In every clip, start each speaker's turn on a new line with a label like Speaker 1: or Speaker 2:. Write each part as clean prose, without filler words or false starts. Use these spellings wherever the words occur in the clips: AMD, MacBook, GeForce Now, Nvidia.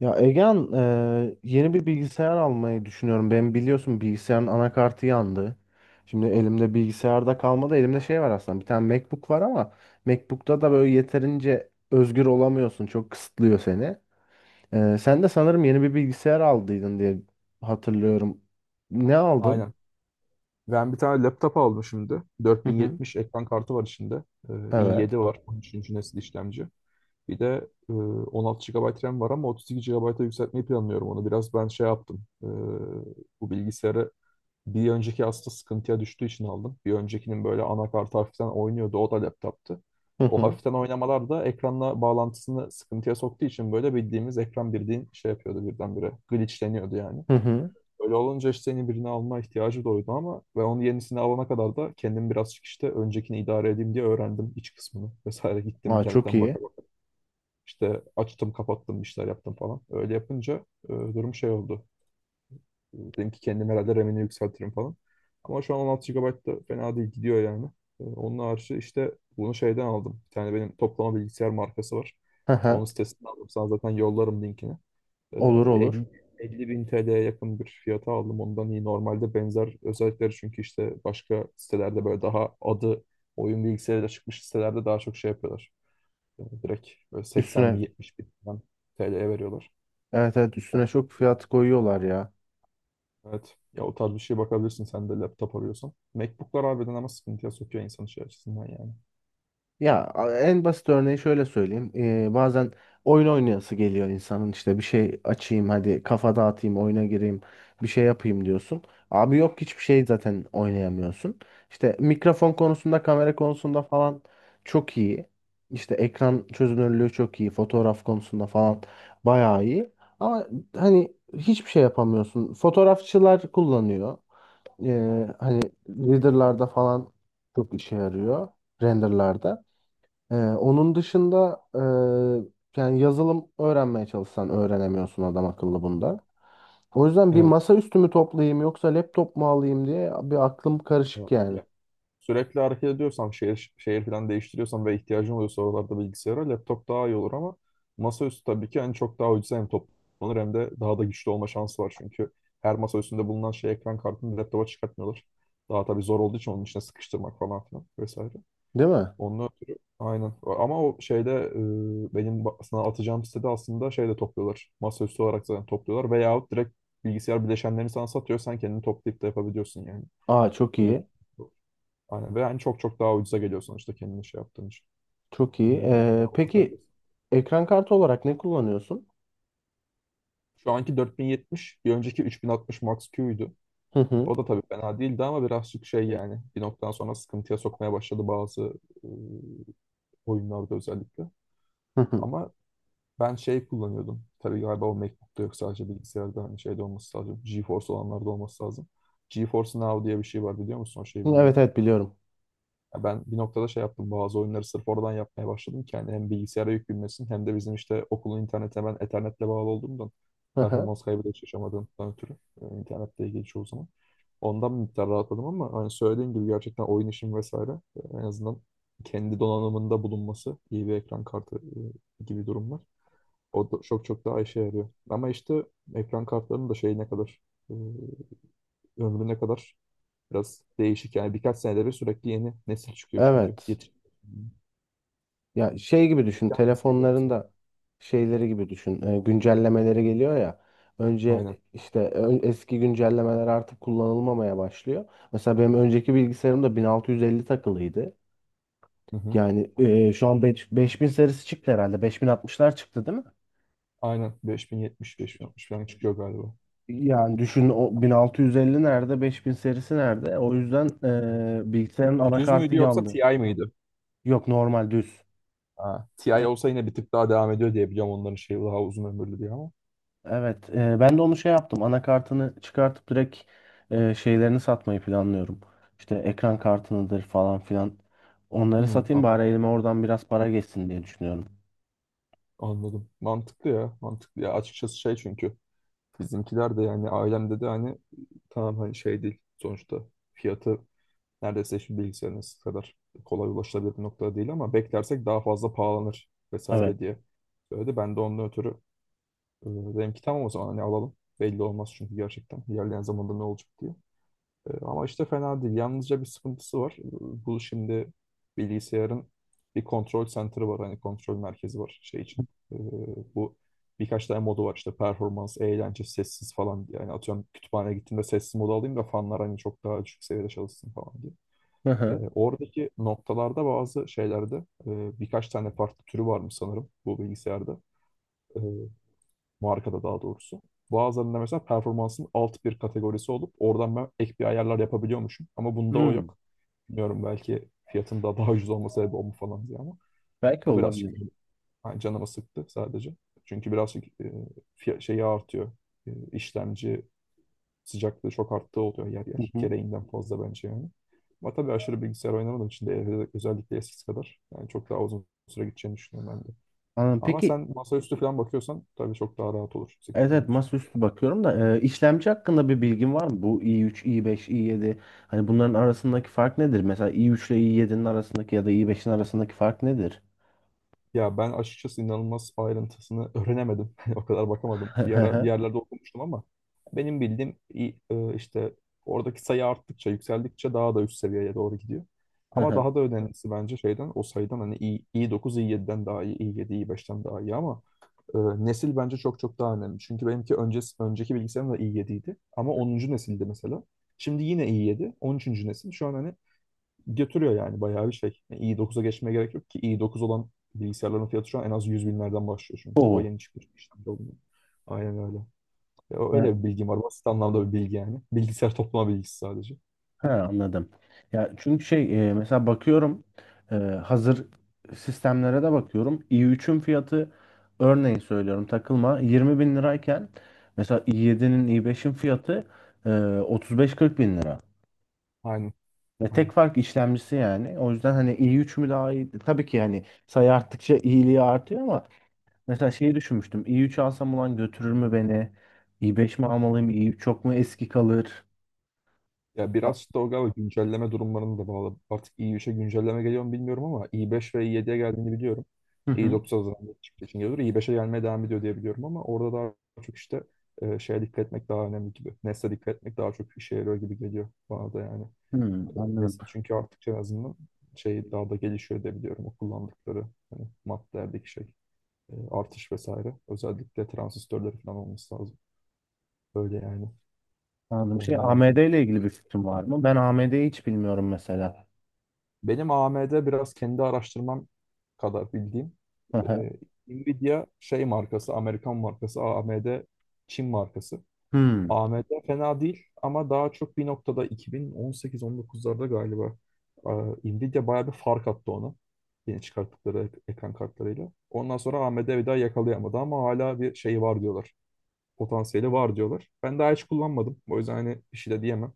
Speaker 1: Ya Egehan, yeni bir bilgisayar almayı düşünüyorum. Ben biliyorsun bilgisayarın anakartı yandı. Şimdi elimde bilgisayarda kalmadı. Elimde şey var aslında. Bir tane MacBook var ama MacBook'ta da böyle yeterince özgür olamıyorsun. Çok kısıtlıyor seni. Sen de sanırım yeni bir bilgisayar aldıydın diye hatırlıyorum. Ne aldın?
Speaker 2: Aynen. Ben bir tane laptop aldım şimdi.
Speaker 1: Hı hı.
Speaker 2: 4070 ekran kartı var içinde.
Speaker 1: Evet.
Speaker 2: İ7 var, 13. nesil işlemci. Bir de 16 gigabayt RAM var ama 32 gigabayt'a yükseltmeyi planlıyorum onu. Biraz ben şey yaptım. Bu bilgisayarı bir önceki aslında sıkıntıya düştüğü için aldım. Bir öncekinin böyle anakartı hafiften oynuyordu. O da laptoptu.
Speaker 1: Hı
Speaker 2: O
Speaker 1: hı.
Speaker 2: hafiften oynamalar da ekranla bağlantısını sıkıntıya soktuğu için böyle bildiğimiz ekran birliğin şey yapıyordu birdenbire. Glitchleniyordu yani.
Speaker 1: Hı hı.
Speaker 2: Öyle olunca işte yeni birini alma ihtiyacı doğdu ama ve onun yenisini alana kadar da kendim birazcık işte öncekini idare edeyim diye öğrendim iç kısmını vesaire gittim
Speaker 1: Aa, çok
Speaker 2: internetten
Speaker 1: iyi.
Speaker 2: baka baka. İşte açtım kapattım işler yaptım falan. Öyle yapınca durum şey oldu. Dedim ki kendim herhalde RAM'ini yükseltirim falan. Ama şu an 16 gigabayt da fena değil gidiyor yani. Onun harici işte bunu şeyden aldım. Bir tane benim toplama bilgisayar markası var.
Speaker 1: Hı
Speaker 2: Onun
Speaker 1: hı.
Speaker 2: sitesinden aldım. Sana zaten yollarım linkini.
Speaker 1: Olur, olur.
Speaker 2: 50, 50 bin TL'ye yakın bir fiyata aldım. Ondan iyi. Normalde benzer özellikleri çünkü işte başka sitelerde böyle daha adı oyun bilgisayarıyla çıkmış sitelerde daha çok şey yapıyorlar. Yani direkt böyle 80 bin
Speaker 1: Üstüne.
Speaker 2: 70 bin falan TL'ye veriyorlar.
Speaker 1: Evet, evet, üstüne çok fiyat koyuyorlar ya.
Speaker 2: Evet. Ya o tarz bir şeye bakabilirsin sen de laptop arıyorsan. MacBook'lar harbiden ama sıkıntıya sokuyor insan şey açısından yani.
Speaker 1: Ya, en basit örneği şöyle söyleyeyim. Bazen oyun oynayası geliyor insanın, işte bir şey açayım, hadi kafa dağıtayım, oyuna gireyim, bir şey yapayım diyorsun. Abi yok, hiçbir şey zaten oynayamıyorsun. İşte mikrofon konusunda, kamera konusunda falan çok iyi. İşte ekran çözünürlüğü çok iyi. Fotoğraf konusunda falan bayağı iyi. Ama hani hiçbir şey yapamıyorsun. Fotoğrafçılar kullanıyor. Hani renderlarda falan çok işe yarıyor. Renderlarda. Onun dışında, yani yazılım öğrenmeye çalışsan öğrenemiyorsun adam akıllı bunda. O yüzden bir
Speaker 2: Evet.
Speaker 1: masaüstü mü toplayayım yoksa laptop mu alayım diye bir aklım karışık yani.
Speaker 2: Ya, sürekli hareket ediyorsam, şehir, şehir falan değiştiriyorsam ve ihtiyacım oluyorsa oralarda bilgisayara laptop daha iyi olur ama masaüstü tabii ki en çok daha ucuza hem toplanır hem de daha da güçlü olma şansı var çünkü her masaüstünde bulunan şey ekran kartını laptopa çıkartmıyorlar. Daha tabii zor olduğu için onun içine sıkıştırmak falan filan vesaire.
Speaker 1: Değil mi?
Speaker 2: Onun ötürü aynen. Ama o şeyde benim sana atacağım sitede aslında şeyde topluyorlar. Masaüstü olarak zaten topluyorlar veyahut direkt bilgisayar bileşenlerini sana satıyor. Sen kendini toplayıp da yapabiliyorsun yani.
Speaker 1: Aa, çok
Speaker 2: Öyle
Speaker 1: iyi.
Speaker 2: aynen. Ve yani çok çok daha ucuza geliyor sonuçta kendini şey yaptığın için.
Speaker 1: Çok iyi. Ee,
Speaker 2: Onlara bak öyle.
Speaker 1: peki ekran kartı olarak ne kullanıyorsun?
Speaker 2: Şu anki 4070, bir önceki 3060 Max-Q'ydu.
Speaker 1: Hı hı.
Speaker 2: O da tabii fena değildi ama birazcık şey
Speaker 1: Şey.
Speaker 2: yani bir noktadan sonra sıkıntıya sokmaya başladı bazı e, oyunlarda özellikle.
Speaker 1: Hı hı.
Speaker 2: Ama ben şey kullanıyordum. Tabii galiba o MacBook'ta yok sadece bilgisayarda hani şeyde olması lazım. GeForce olanlarda olması lazım. GeForce Now diye bir şey var biliyor musun? O şeyi
Speaker 1: Evet,
Speaker 2: bilmiyorum.
Speaker 1: evet, biliyorum.
Speaker 2: Ya ben bir noktada şey yaptım. Bazı oyunları sırf oradan yapmaya başladım ki yani hem bilgisayara yük binmesin hem de bizim işte okulun internetine ben Ethernet'le bağlı olduğumdan
Speaker 1: Hı hı.
Speaker 2: performans kaybı da hiç yaşamadığımdan ötürü internette ilgili çoğu zaman. Ondan bir miktar rahatladım ama hani söylediğim gibi gerçekten oyun işim vesaire en azından kendi donanımında bulunması iyi bir ekran kartı gibi durumlar. O da çok çok daha işe yarıyor. Ama işte ekran kartlarının da şeyi ne kadar e, ömrü ne kadar biraz değişik yani. Birkaç senede bir sürekli yeni nesil çıkıyor çünkü.
Speaker 1: Evet.
Speaker 2: Yetiş.
Speaker 1: Ya şey gibi
Speaker 2: İlk
Speaker 1: düşün,
Speaker 2: hangisiydi
Speaker 1: telefonların
Speaker 2: mesela?
Speaker 1: da şeyleri gibi düşün, güncellemeleri geliyor ya. Önce
Speaker 2: Aynen.
Speaker 1: işte eski güncellemeler artık kullanılmamaya başlıyor. Mesela benim önceki bilgisayarımda 1650 takılıydı.
Speaker 2: Hı hı.
Speaker 1: Yani şu an 5000 serisi çıktı herhalde. 5060'lar çıktı değil mi?
Speaker 2: Aynen. 5070, 5060 falan çıkıyor galiba.
Speaker 1: Yani düşün, o 1650 nerede, 5000 serisi nerede? O yüzden bilgisayarın
Speaker 2: Düz
Speaker 1: anakartı
Speaker 2: müydü yoksa
Speaker 1: yandı.
Speaker 2: TI mıydı?
Speaker 1: Yok, normal düz.
Speaker 2: Ha, TI olsa yine bir tık daha devam ediyor diye biliyorum onların şey daha uzun ömürlü diye ama.
Speaker 1: Evet, ben de onu şey yaptım. Anakartını çıkartıp direkt şeylerini satmayı planlıyorum. İşte ekran kartınıdır falan filan. Onları
Speaker 2: Hmm,
Speaker 1: satayım
Speaker 2: anladım.
Speaker 1: bari, elime oradan biraz para geçsin diye düşünüyorum.
Speaker 2: Anladım. Mantıklı ya. Mantıklı ya. Açıkçası şey çünkü bizimkiler de yani ailemde de hani tamam hani şey değil sonuçta fiyatı neredeyse şimdi bilgisayarınız kadar kolay ulaşılabilir bir noktada değil ama beklersek daha fazla pahalanır
Speaker 1: Evet.
Speaker 2: vesaire diye söyledi. Ben de onun ötürü dedim ki tamam o zaman hani alalım. Belli olmaz çünkü gerçekten ilerleyen zamanda ne olacak diye. Ama işte fena değil. Yalnızca bir sıkıntısı var. Bu şimdi bilgisayarın bir kontrol center'ı var. Hani kontrol merkezi var şey için. E, Bu birkaç tane modu var işte performans, eğlence, sessiz falan. Diye yani atıyorum kütüphaneye gittiğimde sessiz modu alayım da fanlar hani çok daha düşük seviyede çalışsın falan diye.
Speaker 1: Hı hı.
Speaker 2: Oradaki noktalarda bazı şeylerde birkaç tane farklı türü varmış sanırım bu bilgisayarda. E, Markada daha doğrusu. Bazılarında mesela performansın alt bir kategorisi olup oradan ben ek bir ayarlar yapabiliyormuşum. Ama bunda o
Speaker 1: Hmm,
Speaker 2: yok. Bilmiyorum belki fiyatında daha ucuz olma sebebi o mu falan diye ama
Speaker 1: belki
Speaker 2: o birazcık
Speaker 1: olabilir.
Speaker 2: yani canımı sıktı sadece. Çünkü birazcık şeyi artıyor. İşlemci sıcaklığı çok arttığı oluyor yer
Speaker 1: Hı
Speaker 2: yer.
Speaker 1: hı.
Speaker 2: Gereğinden fazla bence yani. Ama tabii aşırı bilgisayar oynamadığım için de evde özellikle eskisi kadar. Yani çok daha uzun süre gideceğini düşünüyorum ben de.
Speaker 1: Anladım.
Speaker 2: Ama
Speaker 1: Peki.
Speaker 2: sen masaüstü falan bakıyorsan tabii çok daha rahat olur yüksek
Speaker 1: Evet, evet,
Speaker 2: ihtimalle şey.
Speaker 1: masaüstü bakıyorum da işlemci hakkında bir bilgin var mı? Bu i3, i5, i7 hani bunların arasındaki fark nedir? Mesela i3 ile i7'nin arasındaki ya da i5'in arasındaki fark nedir?
Speaker 2: Ya ben açıkçası inanılmaz ayrıntısını öğrenemedim. O kadar bakamadım. Bir ara bir yerlerde okumuştum ama benim bildiğim işte oradaki sayı arttıkça, yükseldikçe daha da üst seviyeye doğru gidiyor. Ama daha da önemlisi bence şeyden o sayıdan hani i dokuz i7'den daha iyi, i7 i5'ten daha iyi ama Ee, nesil bence çok çok daha önemli. Çünkü benimki öncesi, önceki bilgisayarım da i7'ydi. Ama 10. nesildi mesela. Şimdi yine i7, 13. nesil. Şu an hani götürüyor yani bayağı bir şey. Yani i9'a geçmeye gerek yok ki. i9 olan bilgisayarların fiyatı şu an en az 100 binlerden başlıyor çünkü. O
Speaker 1: Oo.
Speaker 2: yeni çıkmış, işlemci olmuyor. Aynen öyle. Ya
Speaker 1: Ha,
Speaker 2: öyle bir bilgim var. Basit anlamda bir bilgi yani. Bilgisayar toplama bilgisi sadece.
Speaker 1: ha, anladım. Ya çünkü şey, mesela bakıyorum, hazır sistemlere de bakıyorum. i3'ün fiyatı, örneğin söylüyorum takılma, 20 bin lirayken, mesela i7'nin, i5'in fiyatı e, 35-40 bin lira.
Speaker 2: Aynen.
Speaker 1: Ve tek
Speaker 2: Aynen.
Speaker 1: fark işlemcisi yani. O yüzden hani i3 mü daha iyi? Tabii ki, yani sayı arttıkça iyiliği artıyor, ama mesela şeyi düşünmüştüm. i3 alsam ulan götürür mü beni? i5 mi almalıyım? i3 çok mu eski kalır?
Speaker 2: Ya
Speaker 1: A-
Speaker 2: biraz işte o galiba güncelleme durumlarını da bağlı. Artık i3'e güncelleme geliyor mu bilmiyorum ama i5 ve i7'ye geldiğini biliyorum.
Speaker 1: Hı hı.
Speaker 2: i9 azından çıktığı için geliyor. i5'e gelmeye devam ediyor diye biliyorum ama orada daha çok işte şeye dikkat etmek daha önemli gibi. Nesle dikkat etmek daha çok işe yarıyor gibi geliyor bana da yani.
Speaker 1: Hı,
Speaker 2: E,
Speaker 1: anladım.
Speaker 2: Nesli çünkü artık en azından şey daha da gelişiyor diye biliyorum. O kullandıkları hani maddelerdeki şey artış vesaire. Özellikle transistörleri falan olması lazım. Böyle yani.
Speaker 1: Anladım. Şey,
Speaker 2: Onlar.
Speaker 1: AMD ile ilgili bir fikrim var mı? Ben AMD'yi hiç bilmiyorum mesela.
Speaker 2: Benim AMD biraz kendi araştırmam kadar bildiğim.
Speaker 1: Hı
Speaker 2: Ee,
Speaker 1: hı.
Speaker 2: Nvidia şey markası, Amerikan markası, AMD Çin markası.
Speaker 1: Hı,
Speaker 2: AMD fena değil ama daha çok bir noktada 2018-19'larda galiba Nvidia bayağı bir fark attı ona. Yeni çıkarttıkları ekran kartlarıyla. Ondan sonra AMD bir daha yakalayamadı ama hala bir şey var diyorlar. Potansiyeli var diyorlar. Ben daha hiç kullanmadım. O yüzden hani bir şey de diyemem.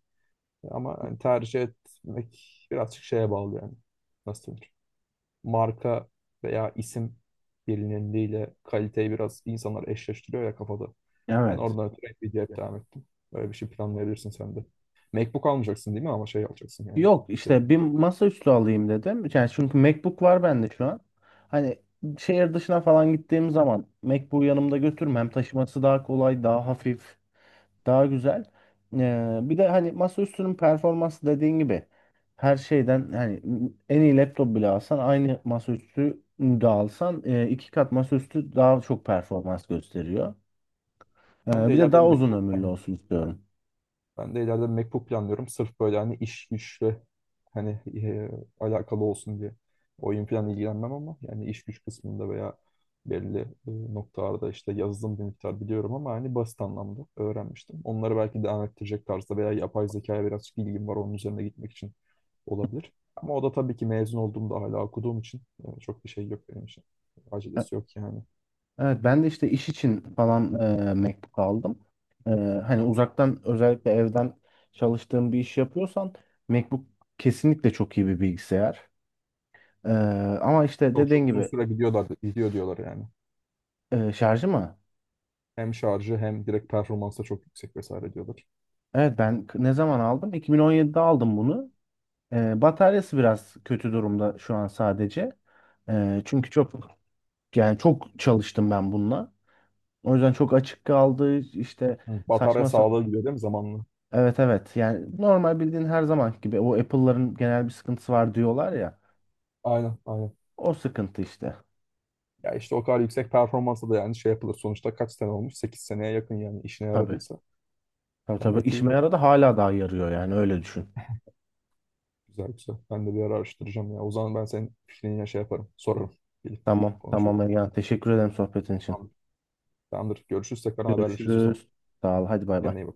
Speaker 2: Ama hani tercih etmek birazcık şeye bağlı yani. Nasıl denir? Marka veya isim bilinirliğiyle kaliteyi biraz insanlar eşleştiriyor ya kafada. Ben
Speaker 1: evet.
Speaker 2: oradan ötürü Nvidia'ya hep devam ettim. Böyle bir şey planlayabilirsin sen de. MacBook almayacaksın değil mi ama şey alacaksın yani.
Speaker 1: Yok, işte bir
Speaker 2: Direkt.
Speaker 1: masaüstü alayım dedim. Yani çünkü MacBook var bende şu an. Hani şehir dışına falan gittiğim zaman MacBook'u yanımda götürmem. Hem taşıması daha kolay, daha hafif, daha güzel. Bir de hani masaüstünün performansı dediğin gibi her şeyden, hani en iyi laptop bile alsan, aynı masaüstü de alsan, iki kat masaüstü daha çok performans gösteriyor.
Speaker 2: Ben
Speaker 1: Ee,
Speaker 2: de
Speaker 1: bir de
Speaker 2: ileride
Speaker 1: daha
Speaker 2: bir
Speaker 1: uzun
Speaker 2: MacBook
Speaker 1: ömürlü
Speaker 2: planlıyorum.
Speaker 1: olsun istiyorum.
Speaker 2: Ben de ileride MacBook planlıyorum. Sırf böyle hani iş güçle hani alakalı olsun diye. Oyun falan ilgilenmem ama yani iş güç kısmında veya belli noktalarda işte yazılım bir miktar biliyorum ama hani basit anlamda öğrenmiştim. Onları belki devam ettirecek tarzda veya yapay zekaya birazcık ilgim var onun üzerine gitmek için olabilir. Ama o da tabii ki mezun olduğumda hala okuduğum için çok bir şey yok benim için.
Speaker 1: E-
Speaker 2: Acelesi yok yani.
Speaker 1: Evet, ben de işte iş için falan MacBook aldım. E, hani uzaktan, özellikle evden çalıştığım bir iş yapıyorsan, MacBook kesinlikle çok iyi bir bilgisayar. E, ama işte
Speaker 2: Çok çok
Speaker 1: dediğin
Speaker 2: uzun
Speaker 1: gibi,
Speaker 2: süre gidiyorlar, gidiyor diyorlar yani.
Speaker 1: şarjı mı?
Speaker 2: Hem şarjı hem direkt performansa çok yüksek vesaire diyorlar.
Speaker 1: Evet, ben ne zaman aldım? 2017'de aldım bunu. Bataryası biraz kötü durumda şu an sadece. Çünkü çok, yani çok çalıştım ben bununla. O yüzden çok açık kaldı işte,
Speaker 2: Hı. Batarya
Speaker 1: saçma sa-
Speaker 2: sağlığı gidiyor değil mi zamanla?
Speaker 1: evet, evet, yani normal, bildiğin her zaman gibi, o Apple'ların genel bir sıkıntısı var diyorlar ya.
Speaker 2: Aynen aynen.
Speaker 1: O sıkıntı işte.
Speaker 2: Ya işte o kadar yüksek performansa da yani şey yapılır. Sonuçta kaç sene olmuş? 8 seneye yakın yani işine
Speaker 1: Tabii.
Speaker 2: yaradıysa.
Speaker 1: Tabii, tabii,
Speaker 2: Gayet iyi
Speaker 1: işime
Speaker 2: ya.
Speaker 1: yaradı, hala daha yarıyor yani, öyle düşün.
Speaker 2: Güzel güzel. Ben de bir ara araştıracağım ya. O zaman ben senin fikrini yine şey yaparım. Sorarım. Gelip
Speaker 1: Tamam,
Speaker 2: konuşuruz.
Speaker 1: tamam Ergen, teşekkür ederim sohbetin için.
Speaker 2: Tamamdır. Tamamdır. Görüşürüz. Tekrar haberleşiriz o zaman.
Speaker 1: Görüşürüz. Sağ ol, hadi bay bay.
Speaker 2: Kendine iyi bak.